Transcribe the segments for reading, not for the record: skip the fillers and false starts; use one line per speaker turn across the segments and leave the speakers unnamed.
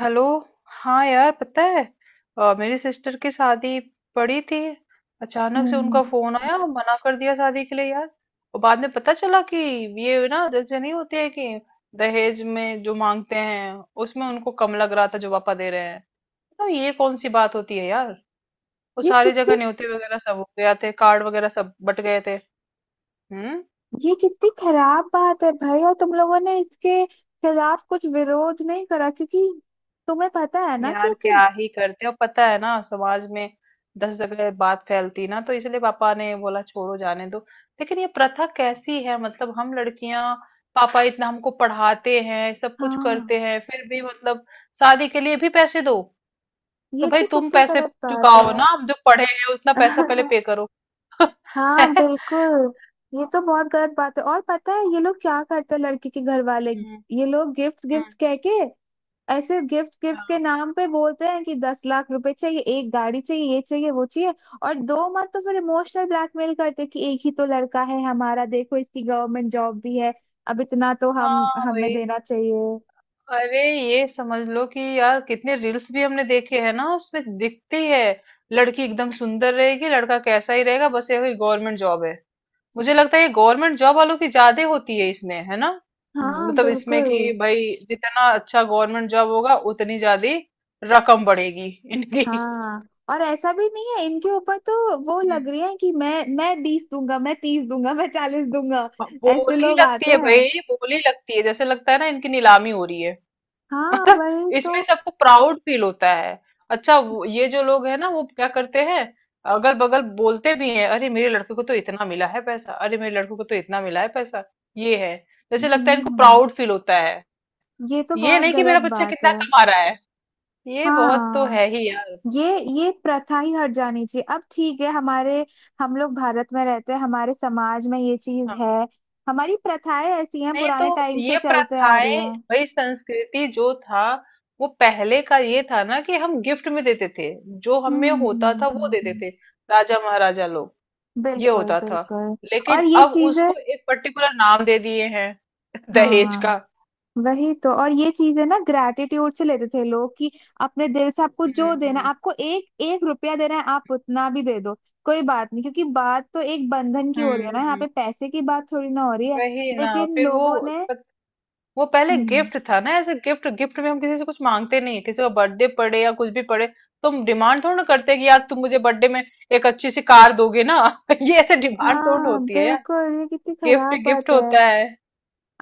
Hello. हाँ यार, पता है। मेरी सिस्टर की शादी पड़ी थी। अचानक से उनका
हम्म
फोन आया और मना कर दिया शादी के लिए, यार। और बाद में पता चला कि ये ना जैसे नहीं होती है कि दहेज में जो मांगते हैं, उसमें उनको कम लग रहा था जो पापा दे रहे हैं। तो ये कौन सी बात होती है, यार। वो
ये
सारी जगह
कितनी
न्योते वगैरह सब हो गया थे, कार्ड वगैरह सब बट गए थे। हम्म।
ये कितनी खराब बात है भाई। और तुम लोगों ने इसके खिलाफ कुछ विरोध नहीं करा, क्योंकि तुम्हें पता है ना कि
यार
ऐसे।
क्या ही करते हो, पता है ना, समाज में 10 जगह बात फैलती ना, तो इसलिए पापा ने बोला छोड़ो, जाने दो। लेकिन ये प्रथा कैसी है? मतलब हम लड़कियां, पापा इतना हमको पढ़ाते हैं, सब कुछ
हाँ,
करते हैं, फिर भी मतलब शादी के लिए भी पैसे दो। तो
ये
भाई
तो
तुम
कितनी
पैसे
गलत बात है।
चुकाओ ना, हम जो पढ़े हैं उतना पैसा पहले पे करो।
हाँ
है?
बिल्कुल। ये तो बहुत गलत बात है। और पता है ये लोग क्या करते हैं लड़की के घर वाले,
हम्म।
ये लोग गिफ्ट्स
हम्म।
गिफ्ट्स कह के, ऐसे गिफ्ट गिफ्ट के
हाँ,
नाम पे बोलते हैं कि 10 लाख रुपए चाहिए, एक गाड़ी चाहिए, ये चाहिए, वो चाहिए। और दो मत तो फिर इमोशनल ब्लैकमेल करते हैं कि एक ही तो लड़का है हमारा, देखो इसकी गवर्नमेंट जॉब भी है, अब इतना तो हम
हाँ,
हमें
वही।
देना चाहिए।
अरे, ये समझ लो कि यार, कितने रील्स भी हमने देखे हैं ना, उसमें दिखती है लड़की एकदम सुंदर रहेगी, लड़का कैसा ही रहेगा, बस ये गवर्नमेंट जॉब है। मुझे लगता है ये गवर्नमेंट जॉब वालों की ज्यादा होती है इसमें, है ना।
हाँ
मतलब इसमें कि
बिल्कुल।
भाई, जितना अच्छा गवर्नमेंट जॉब होगा उतनी ज्यादा रकम बढ़ेगी इनकी।
हाँ, और ऐसा भी नहीं है। इनके ऊपर तो वो लग
हम्म।
रही है कि मैं 20 दूंगा, मैं 30 दूंगा, मैं 40 दूंगा। ऐसे
बोली
लोग आते
लगती है
हैं।
भाई, बोली लगती है, जैसे लगता है ना इनकी नीलामी हो रही है।
हाँ
मतलब
वही तो।
इसमें सबको प्राउड फील होता है। अच्छा, वो ये जो लोग है ना, वो क्या करते हैं, अगल बगल बोलते भी हैं, अरे मेरे लड़के को तो इतना मिला है पैसा, अरे मेरे लड़के को तो इतना मिला है पैसा। ये है, जैसे लगता है इनको
हम्म।
प्राउड फील होता है।
ये तो
ये
बहुत
नहीं कि मेरा
गलत
बच्चा
बात
कितना
है।
कमा रहा है। ये बहुत तो
हाँ,
है ही, यार।
ये प्रथा ही हट जानी चाहिए। अब ठीक है, हमारे हम लोग भारत में रहते हैं, हमारे समाज में ये चीज
हाँ।
है। हमारी प्रथाएं ऐसी हैं,
नहीं तो
पुराने टाइम से
ये
चलते आ रही
प्रथाएं,
है।
भाई संस्कृति जो था, वो पहले का ये था ना कि हम गिफ्ट में देते थे। जो हमें होता था वो देते
हम्म।
थे, राजा महाराजा लोग ये
बिल्कुल
होता था।
बिल्कुल।
लेकिन
और ये
अब
चीजें।
उसको एक पर्टिकुलर नाम दे दिए हैं, दहेज
हाँ
का।
वही तो। और ये चीजें ना ग्रैटिट्यूड से लेते थे लोग कि अपने दिल से आपको
हम्म।
जो देना है,
हम्म।
आपको एक एक रुपया देना है, आप उतना भी दे दो, कोई बात नहीं। क्योंकि बात तो एक बंधन की हो रही
हम्म।
है ना, यहाँ पे पैसे की बात थोड़ी ना हो रही है।
वही ना।
लेकिन
फिर वो
लोगों ने।
वो पहले
हम्म।
गिफ्ट था ना, ऐसे गिफ्ट गिफ्ट में हम किसी से कुछ मांगते नहीं है, किसी का बर्थडे पड़े या कुछ भी पड़े तो हम डिमांड थोड़ा ना करते हैं कि यार तुम मुझे बर्थडे में एक अच्छी सी कार दोगे ना। ये ऐसे डिमांड थोड़ा
हाँ
होती है, यार।
बिल्कुल, ये कितनी
गिफ्ट
खराब
गिफ्ट
बात है।
होता है।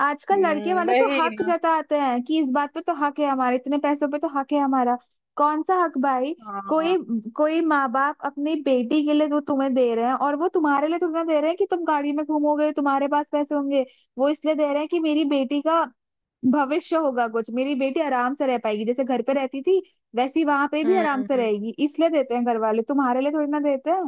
आजकल लड़के वाले तो
वही
हक
ना।
जताते हैं कि इस बात पे तो हक है, हमारे इतने पैसों पे तो हक है हमारा। कौन सा हक भाई? कोई
हाँ।
कोई माँ बाप अपनी बेटी के लिए जो तुम्हें दे रहे हैं, और वो तुम्हारे लिए तुम्हें दे रहे हैं कि तुम गाड़ी में घूमोगे, तुम्हारे पास पैसे होंगे। वो इसलिए दे रहे हैं कि मेरी बेटी का भविष्य होगा कुछ, मेरी बेटी आराम से रह पाएगी, जैसे घर पे रहती थी वैसी वहां पे भी
हम्म।
आराम से
हम्म।
रहेगी, इसलिए देते हैं। घर वाले तुम्हारे लिए थोड़ी ना देते हैं।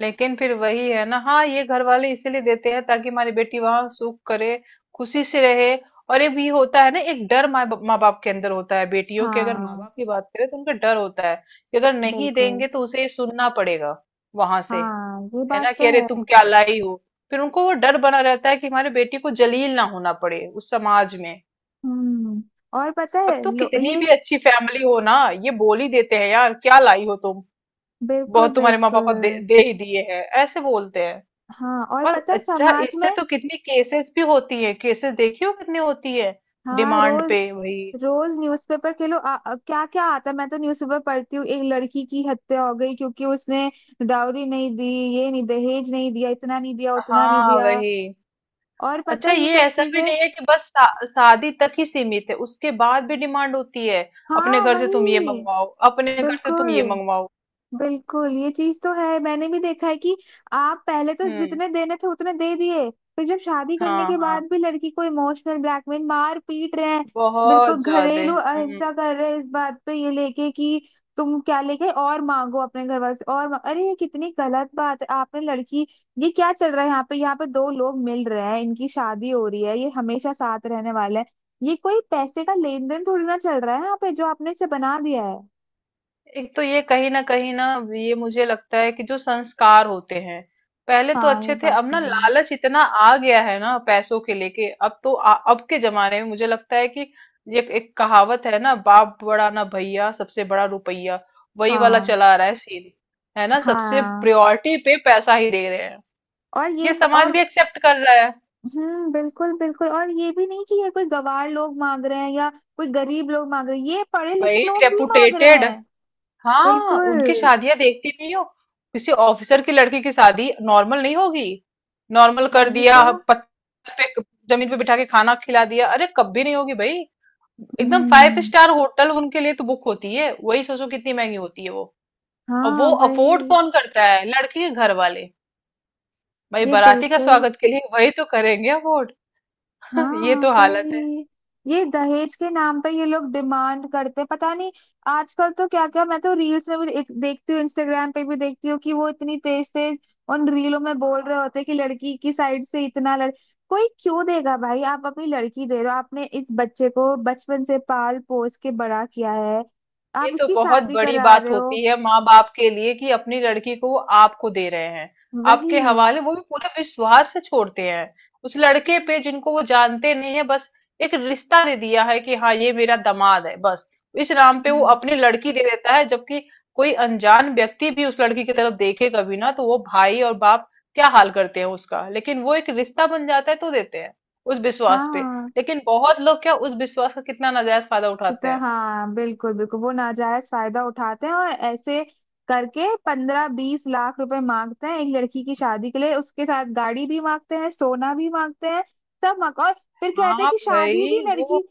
लेकिन फिर वही है ना, हाँ ये घर वाले इसीलिए देते हैं ताकि हमारी बेटी वहां सुख करे, खुशी से रहे। और एक भी होता है ना, एक डर माँ माँ बाप के अंदर होता है, बेटियों के अगर माँ
हाँ
बाप की बात करें तो उनका डर होता है कि अगर नहीं
बिल्कुल।
देंगे तो उसे ये सुनना पड़ेगा वहां से।
हाँ ये
है ना,
बात तो
कि अरे
है।
तुम क्या लाई हो। फिर उनको वो डर बना रहता है कि हमारी बेटी को जलील ना होना पड़े उस समाज में।
हम्म। और पता
अब
है
तो
लो,
कितनी
ये।
भी अच्छी फैमिली हो ना, ये बोल ही देते हैं, यार क्या लाई हो तुम,
बिल्कुल
बहुत तुम्हारे माँ पापा दे,
बिल्कुल।
दे ही दिए हैं, ऐसे बोलते हैं।
हाँ, और
और
पता है
अच्छा,
समाज
इससे
में।
तो कितनी केसेस भी होती है, केसेस देखी हो कितनी होती है,
हाँ,
डिमांड
रोज
पे वही।
रोज न्यूज़पेपर के लो क्या क्या आता है, मैं तो न्यूज़पेपर पढ़ती हूँ, एक लड़की की हत्या हो गई क्योंकि उसने डाउरी नहीं दी। ये नहीं दहेज नहीं दिया, इतना नहीं दिया, उतना नहीं
हाँ
दिया।
वही।
और पता
अच्छा,
है ये
ये
सब
ऐसा भी
चीजें।
नहीं है कि बस शादी तक ही सीमित है, उसके बाद भी डिमांड होती है। अपने
हाँ
घर से तुम ये
वही।
मंगवाओ, अपने घर से तुम ये
बिल्कुल
मंगवाओ।
बिल्कुल, ये चीज तो है। मैंने भी देखा है कि आप पहले तो
हम्म।
जितने देने थे उतने दे दिए, फिर जब शादी करने
हाँ,
के
हाँ,
बाद भी लड़की को इमोशनल ब्लैकमेल, मार पीट रहे हैं।
बहुत
बिल्कुल
ज्यादा।
घरेलू
हम्म।
अहिंसा कर रहे हैं, इस बात पे ये लेके कि तुम क्या लेके आए? और मांगो अपने घर वाले से, अरे ये कितनी गलत बात है। आपने लड़की। ये क्या चल रहा है यहाँ पे दो लोग मिल रहे हैं, इनकी शादी हो रही है, ये हमेशा साथ रहने वाले हैं, ये कोई पैसे का लेन देन थोड़ी ना चल रहा है यहाँ पे, जो आपने इसे बना दिया है।
एक तो ये कहीं ना कहीं ना, ये मुझे लगता है कि जो संस्कार होते हैं पहले तो
हाँ ये
अच्छे थे,
बात
अब
तो
ना
है।
लालच इतना आ गया है ना, पैसों के लेके, अब तो अब के जमाने में मुझे लगता है कि ये एक कहावत है ना, बाप बड़ा ना भैया, सबसे बड़ा रुपया। वही वाला
हाँ
चला आ रहा है सीन, है ना, सबसे
हाँ।
प्रायोरिटी पे पैसा ही दे रहे हैं।
और ये
ये
ब-
समाज
और
भी एक्सेप्ट कर रहा है।
बिल्कुल बिल्कुल। और ये भी नहीं कि ये कोई गवार लोग मांग रहे हैं, या कोई गरीब लोग मांग रहे हैं, ये पढ़े
भाई
लिखे लोग भी मांग रहे
रेपुटेटेड,
हैं।
हाँ उनकी
बिल्कुल
शादियां देखती नहीं हो, किसी ऑफिसर की लड़की की शादी नॉर्मल नहीं होगी। नॉर्मल कर
वही
दिया,
तो।
पत्थर पे, जमीन पे बिठा के खाना खिला दिया? अरे कभी नहीं होगी, भाई। एकदम फाइव
हम्म।
स्टार होटल उनके लिए तो बुक होती है, वही सोचो कितनी महंगी होती है वो। और
हाँ
वो अफोर्ड
वही।
कौन करता है? लड़की के घर वाले, भाई
ये
बाराती का
बिल्कुल।
स्वागत के लिए वही तो करेंगे अफोर्ड। ये
हाँ
तो हालत है।
भाई, ये दहेज के नाम पे ये लोग डिमांड करते हैं, पता नहीं आजकल तो क्या क्या। मैं तो रील्स में भी देखती हूँ, इंस्टाग्राम पे भी देखती हूँ कि वो इतनी तेज तेज उन रीलों में बोल रहे होते हैं कि लड़की की साइड से इतना लड़। कोई क्यों देगा भाई? आप अपनी लड़की दे रहे हो, आपने इस बच्चे को बचपन से पाल पोस के बड़ा किया है,
ये
आप
तो
इसकी
बहुत
शादी
बड़ी
करा
बात
रहे हो।
होती है माँ बाप के लिए कि अपनी लड़की को वो आपको दे रहे हैं
वही।
आपके हवाले, वो भी पूरे विश्वास से छोड़ते हैं उस लड़के पे जिनको वो जानते नहीं है, बस एक रिश्ता दे दिया है कि हाँ ये मेरा दामाद है, बस इस नाम पे वो
हम्म।
अपनी लड़की दे देता है, जबकि कोई अनजान व्यक्ति भी उस लड़की की तरफ देखे कभी ना, तो वो भाई और बाप क्या हाल करते हैं उसका, लेकिन वो एक रिश्ता बन जाता है तो देते हैं उस विश्वास पे।
हाँ।
लेकिन बहुत लोग क्या उस विश्वास का कितना नाजायज फायदा उठाते
कितना
हैं।
हाँ बिल्कुल बिल्कुल, वो नाजायज फायदा उठाते हैं, और ऐसे करके 15-20 लाख रुपए मांगते हैं एक लड़की की शादी के लिए, उसके साथ गाड़ी भी मांगते हैं, सोना भी मांगते हैं, सब मांग। और फिर कहते हैं
हाँ
कि
भाई वो,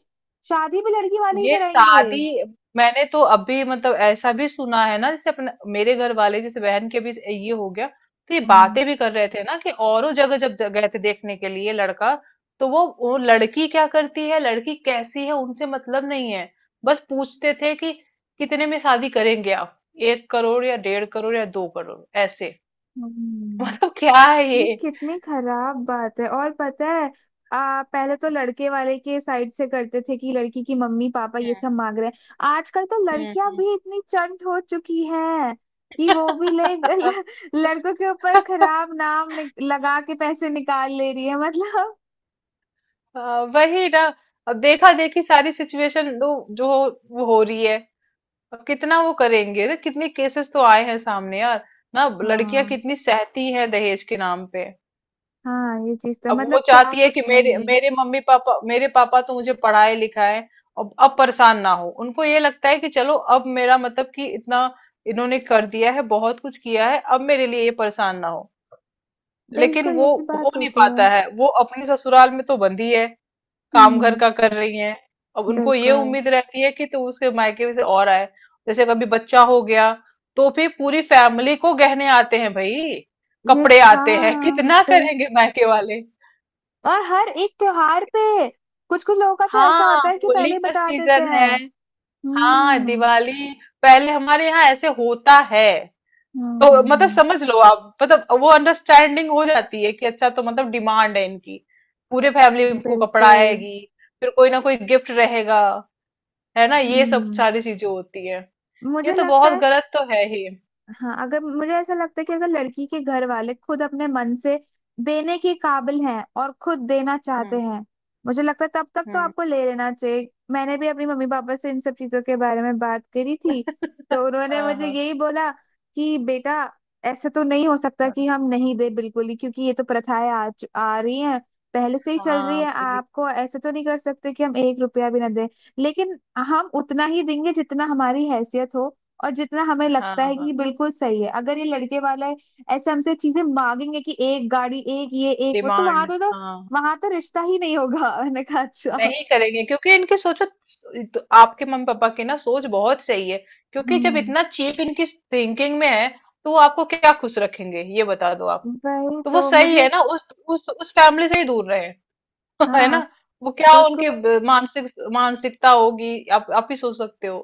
शादी भी लड़की वाले ही
ये
कराएंगे।
शादी, मैंने तो अभी मतलब ऐसा भी सुना है ना जैसे अपने मेरे घर वाले, जैसे बहन के भी ये हो गया, तो ये
हम्म,
बातें भी कर रहे थे ना कि औरों जगह जब गए थे देखने के लिए लड़का, तो वो लड़की क्या करती है, लड़की कैसी है, उनसे मतलब नहीं है, बस पूछते थे कि कितने में शादी करेंगे आप? 1 करोड़ या 1.5 करोड़ या 2 करोड़ ऐसे।
हम्म।
मतलब क्या है ये।
ये कितनी खराब बात है। और पता है, पहले तो लड़के वाले के साइड से करते थे कि लड़की की मम्मी पापा ये
हम्म।
सब मांग रहे हैं। आजकल तो लड़कियां
हम्म।
भी इतनी चंट हो चुकी हैं कि वो भी
हम्म।
लड़कों के ऊपर खराब नाम लगा के पैसे निकाल ले रही है, मतलब।
हाँ, वही ना। अब देखा देखी सारी सिचुएशन जो जो वो हो रही है। अब कितना वो करेंगे ना, कितने केसेस तो आए हैं सामने, यार। ना लड़कियां
हाँ
कितनी सहती हैं दहेज के नाम पे।
हाँ। ये चीज तो,
अब वो
मतलब क्या
चाहती है कि
कुछ
मेरे
नहीं।
मेरे मम्मी पापा, मेरे पापा तो मुझे पढ़ाए लिखाए, अब परेशान ना हो, उनको ये लगता है कि चलो अब मेरा मतलब कि इतना इन्होंने कर दिया है, बहुत कुछ किया है, अब मेरे लिए ये परेशान ना हो। लेकिन
बिल्कुल
वो
यही
हो
बात
नहीं
होती है।
पाता है, वो अपने ससुराल में तो बंधी है, काम घर
हम्म।
का कर रही हैं। अब उनको ये
बिल्कुल।
उम्मीद रहती है कि तो उसके मायके से और आए। जैसे कभी बच्चा हो गया तो भी पूरी फैमिली को गहने आते हैं, भाई।
ये
कपड़े आते हैं,
हाँ
कितना
बिल्कुल।
करेंगे मायके वाले।
और हर एक त्योहार पे कुछ कुछ लोगों का तो ऐसा होता
हाँ,
है कि
होली
पहले ही
का
बता देते
सीजन
हैं।
है। हाँ,
हम्म
दिवाली, पहले हमारे यहाँ ऐसे होता है। तो मतलब
हम्म।
समझ लो आप, मतलब वो अंडरस्टैंडिंग हो जाती है कि अच्छा तो मतलब डिमांड है इनकी, पूरे फैमिली को कपड़ा
बिल्कुल।
आएगी, फिर कोई ना कोई गिफ्ट रहेगा, है ना, ये सब
हम्म।
सारी चीजें होती है। ये
मुझे
तो
लगता
बहुत
है।
गलत तो है ही।
हाँ, अगर मुझे ऐसा लगता है कि अगर लड़की के घर वाले खुद अपने मन से देने के काबिल हैं, और खुद देना चाहते
हम्म।
हैं, मुझे लगता है तब तक तो
हम्म।
आपको ले लेना चाहिए। मैंने भी अपनी मम्मी पापा से इन सब चीजों के बारे में बात करी थी, तो उन्होंने
हाँ,
मुझे
हाँ।
यही बोला कि बेटा ऐसा तो नहीं हो सकता
हाँ,
कि हम नहीं दे बिल्कुल ही, क्योंकि ये तो प्रथाएं आ रही हैं, पहले से ही चल रही
हाँ,
है।
वही तो।
आपको ऐसे तो नहीं कर सकते कि हम एक रुपया भी ना दें, लेकिन हम उतना ही देंगे जितना हमारी हैसियत हो, और जितना हमें
हाँ,
लगता है कि
हाँ।
बिल्कुल सही है। अगर ये लड़के वाला है ऐसे हमसे चीजें मांगेंगे कि एक गाड़ी, एक ये, एक वो, तो
डिमांड, हाँ, हाँ,
वहां तो रिश्ता ही नहीं होगा। मैंने कहा अच्छा।
नहीं करेंगे क्योंकि इनकी सोचो। तो आपके मम्मी पापा की ना सोच बहुत सही है, क्योंकि जब
हम्म।
इतना चीप इनकी थिंकिंग में है, तो वो आपको क्या खुश रखेंगे, ये बता दो आप।
वही
तो वो
तो
सही
मुझे।
है ना, उस फैमिली से ही दूर रहे। है
हाँ
ना, वो क्या उनकी
बिल्कुल।
मानसिकता होगी, आप ही सोच सकते हो।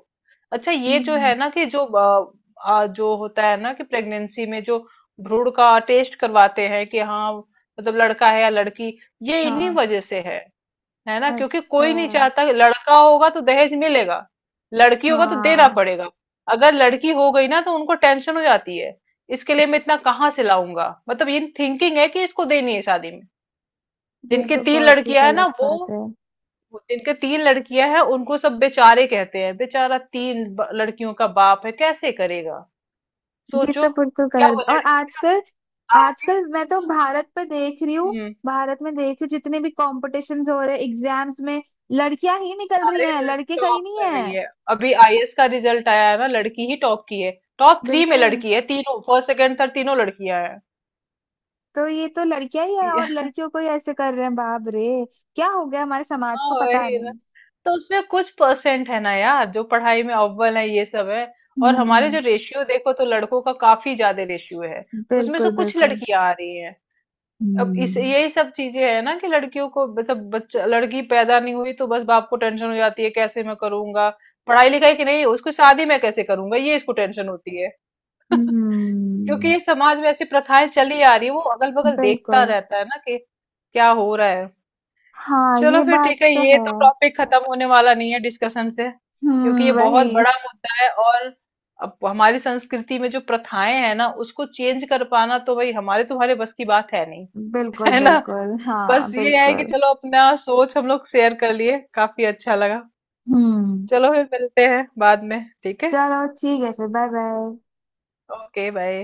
अच्छा ये जो
हम्म।
है ना कि जो होता है ना कि प्रेगनेंसी में जो भ्रूण का टेस्ट करवाते हैं कि हाँ मतलब लड़का है या लड़की, ये इन्हीं
हाँ
वजह से है ना, क्योंकि
अच्छा।
कोई नहीं चाहता कि लड़का होगा तो दहेज मिलेगा, लड़की होगा तो देना
हाँ
पड़ेगा। अगर लड़की हो गई ना तो उनको टेंशन हो जाती है, इसके लिए मैं इतना कहाँ से लाऊंगा, मतलब ये थिंकिंग है कि इसको देनी है शादी में।
ये
जिनके
तो
तीन
बहुत ही
लड़कियां है ना
गलत बात है।
इनके तीन लड़कियां हैं उनको सब बेचारे कहते हैं, बेचारा तीन लड़कियों का बाप है, कैसे करेगा,
ये तो
सोचो।
बिल्कुल
क्या वो
गलत। और
लड़कियां
आजकल
आगे।
आजकल मैं तो भारत पे देख रही हूँ,
हम्म।
भारत में देख रही हूँ जितने भी कॉम्पिटिशन्स हो रहे एग्जाम्स में, लड़कियां ही निकल रही
सारे
हैं, लड़के
टॉप
कहीं नहीं
कर
है।
रही है। अभी आईएएस का रिजल्ट आया है ना, लड़की ही टॉप की है, टॉप थ्री में
बिल्कुल।
लड़की है, तीनों फर्स्ट सेकंड थर्ड तीनों लड़कियां हैं।
तो ये तो लड़कियां ही है, और लड़कियों को ही ऐसे कर रहे हैं, बाप रे। क्या हो गया हमारे समाज
हाँ
को, पता
वही ना।
नहीं।
तो उसमें कुछ परसेंट है ना यार जो पढ़ाई में अव्वल है, ये सब है। और
हम्म हम्म,
हमारे जो
हम्म।
रेशियो देखो, तो लड़कों का काफी ज्यादा रेशियो है, उसमें से
बिल्कुल
कुछ
बिल्कुल।
लड़कियां आ रही हैं। अब इस
हम्म
यही सब चीजें हैं ना कि लड़कियों को, मतलब बच्चा लड़की पैदा नहीं हुई तो बस बाप को टेंशन हो जाती है, कैसे मैं करूंगा पढ़ाई लिखाई की, नहीं उसकी शादी मैं कैसे करूंगा, ये इसको टेंशन होती है। क्योंकि
हम्म।
ये समाज में ऐसी प्रथाएं चली आ रही है, वो अगल बगल देखता
बिल्कुल।
रहता है ना कि क्या हो रहा है।
हाँ
चलो
ये
फिर
बात
ठीक है,
तो
ये तो
है।
टॉपिक खत्म होने वाला नहीं है डिस्कशन से, क्योंकि ये बहुत
वही।
बड़ा मुद्दा है और अब हमारी संस्कृति में जो प्रथाएं हैं ना उसको चेंज कर पाना तो भाई हमारे तुम्हारे बस की बात है नहीं।
बिल्कुल
है ना।
बिल्कुल।
बस
हाँ
ये है कि
बिल्कुल।
चलो अपना सोच हम लोग शेयर कर लिए, काफी अच्छा लगा।
हम्म।
चलो फिर मिलते हैं बाद में, ठीक है।
चलो ठीक है फिर, बाय बाय।
Okay, bye.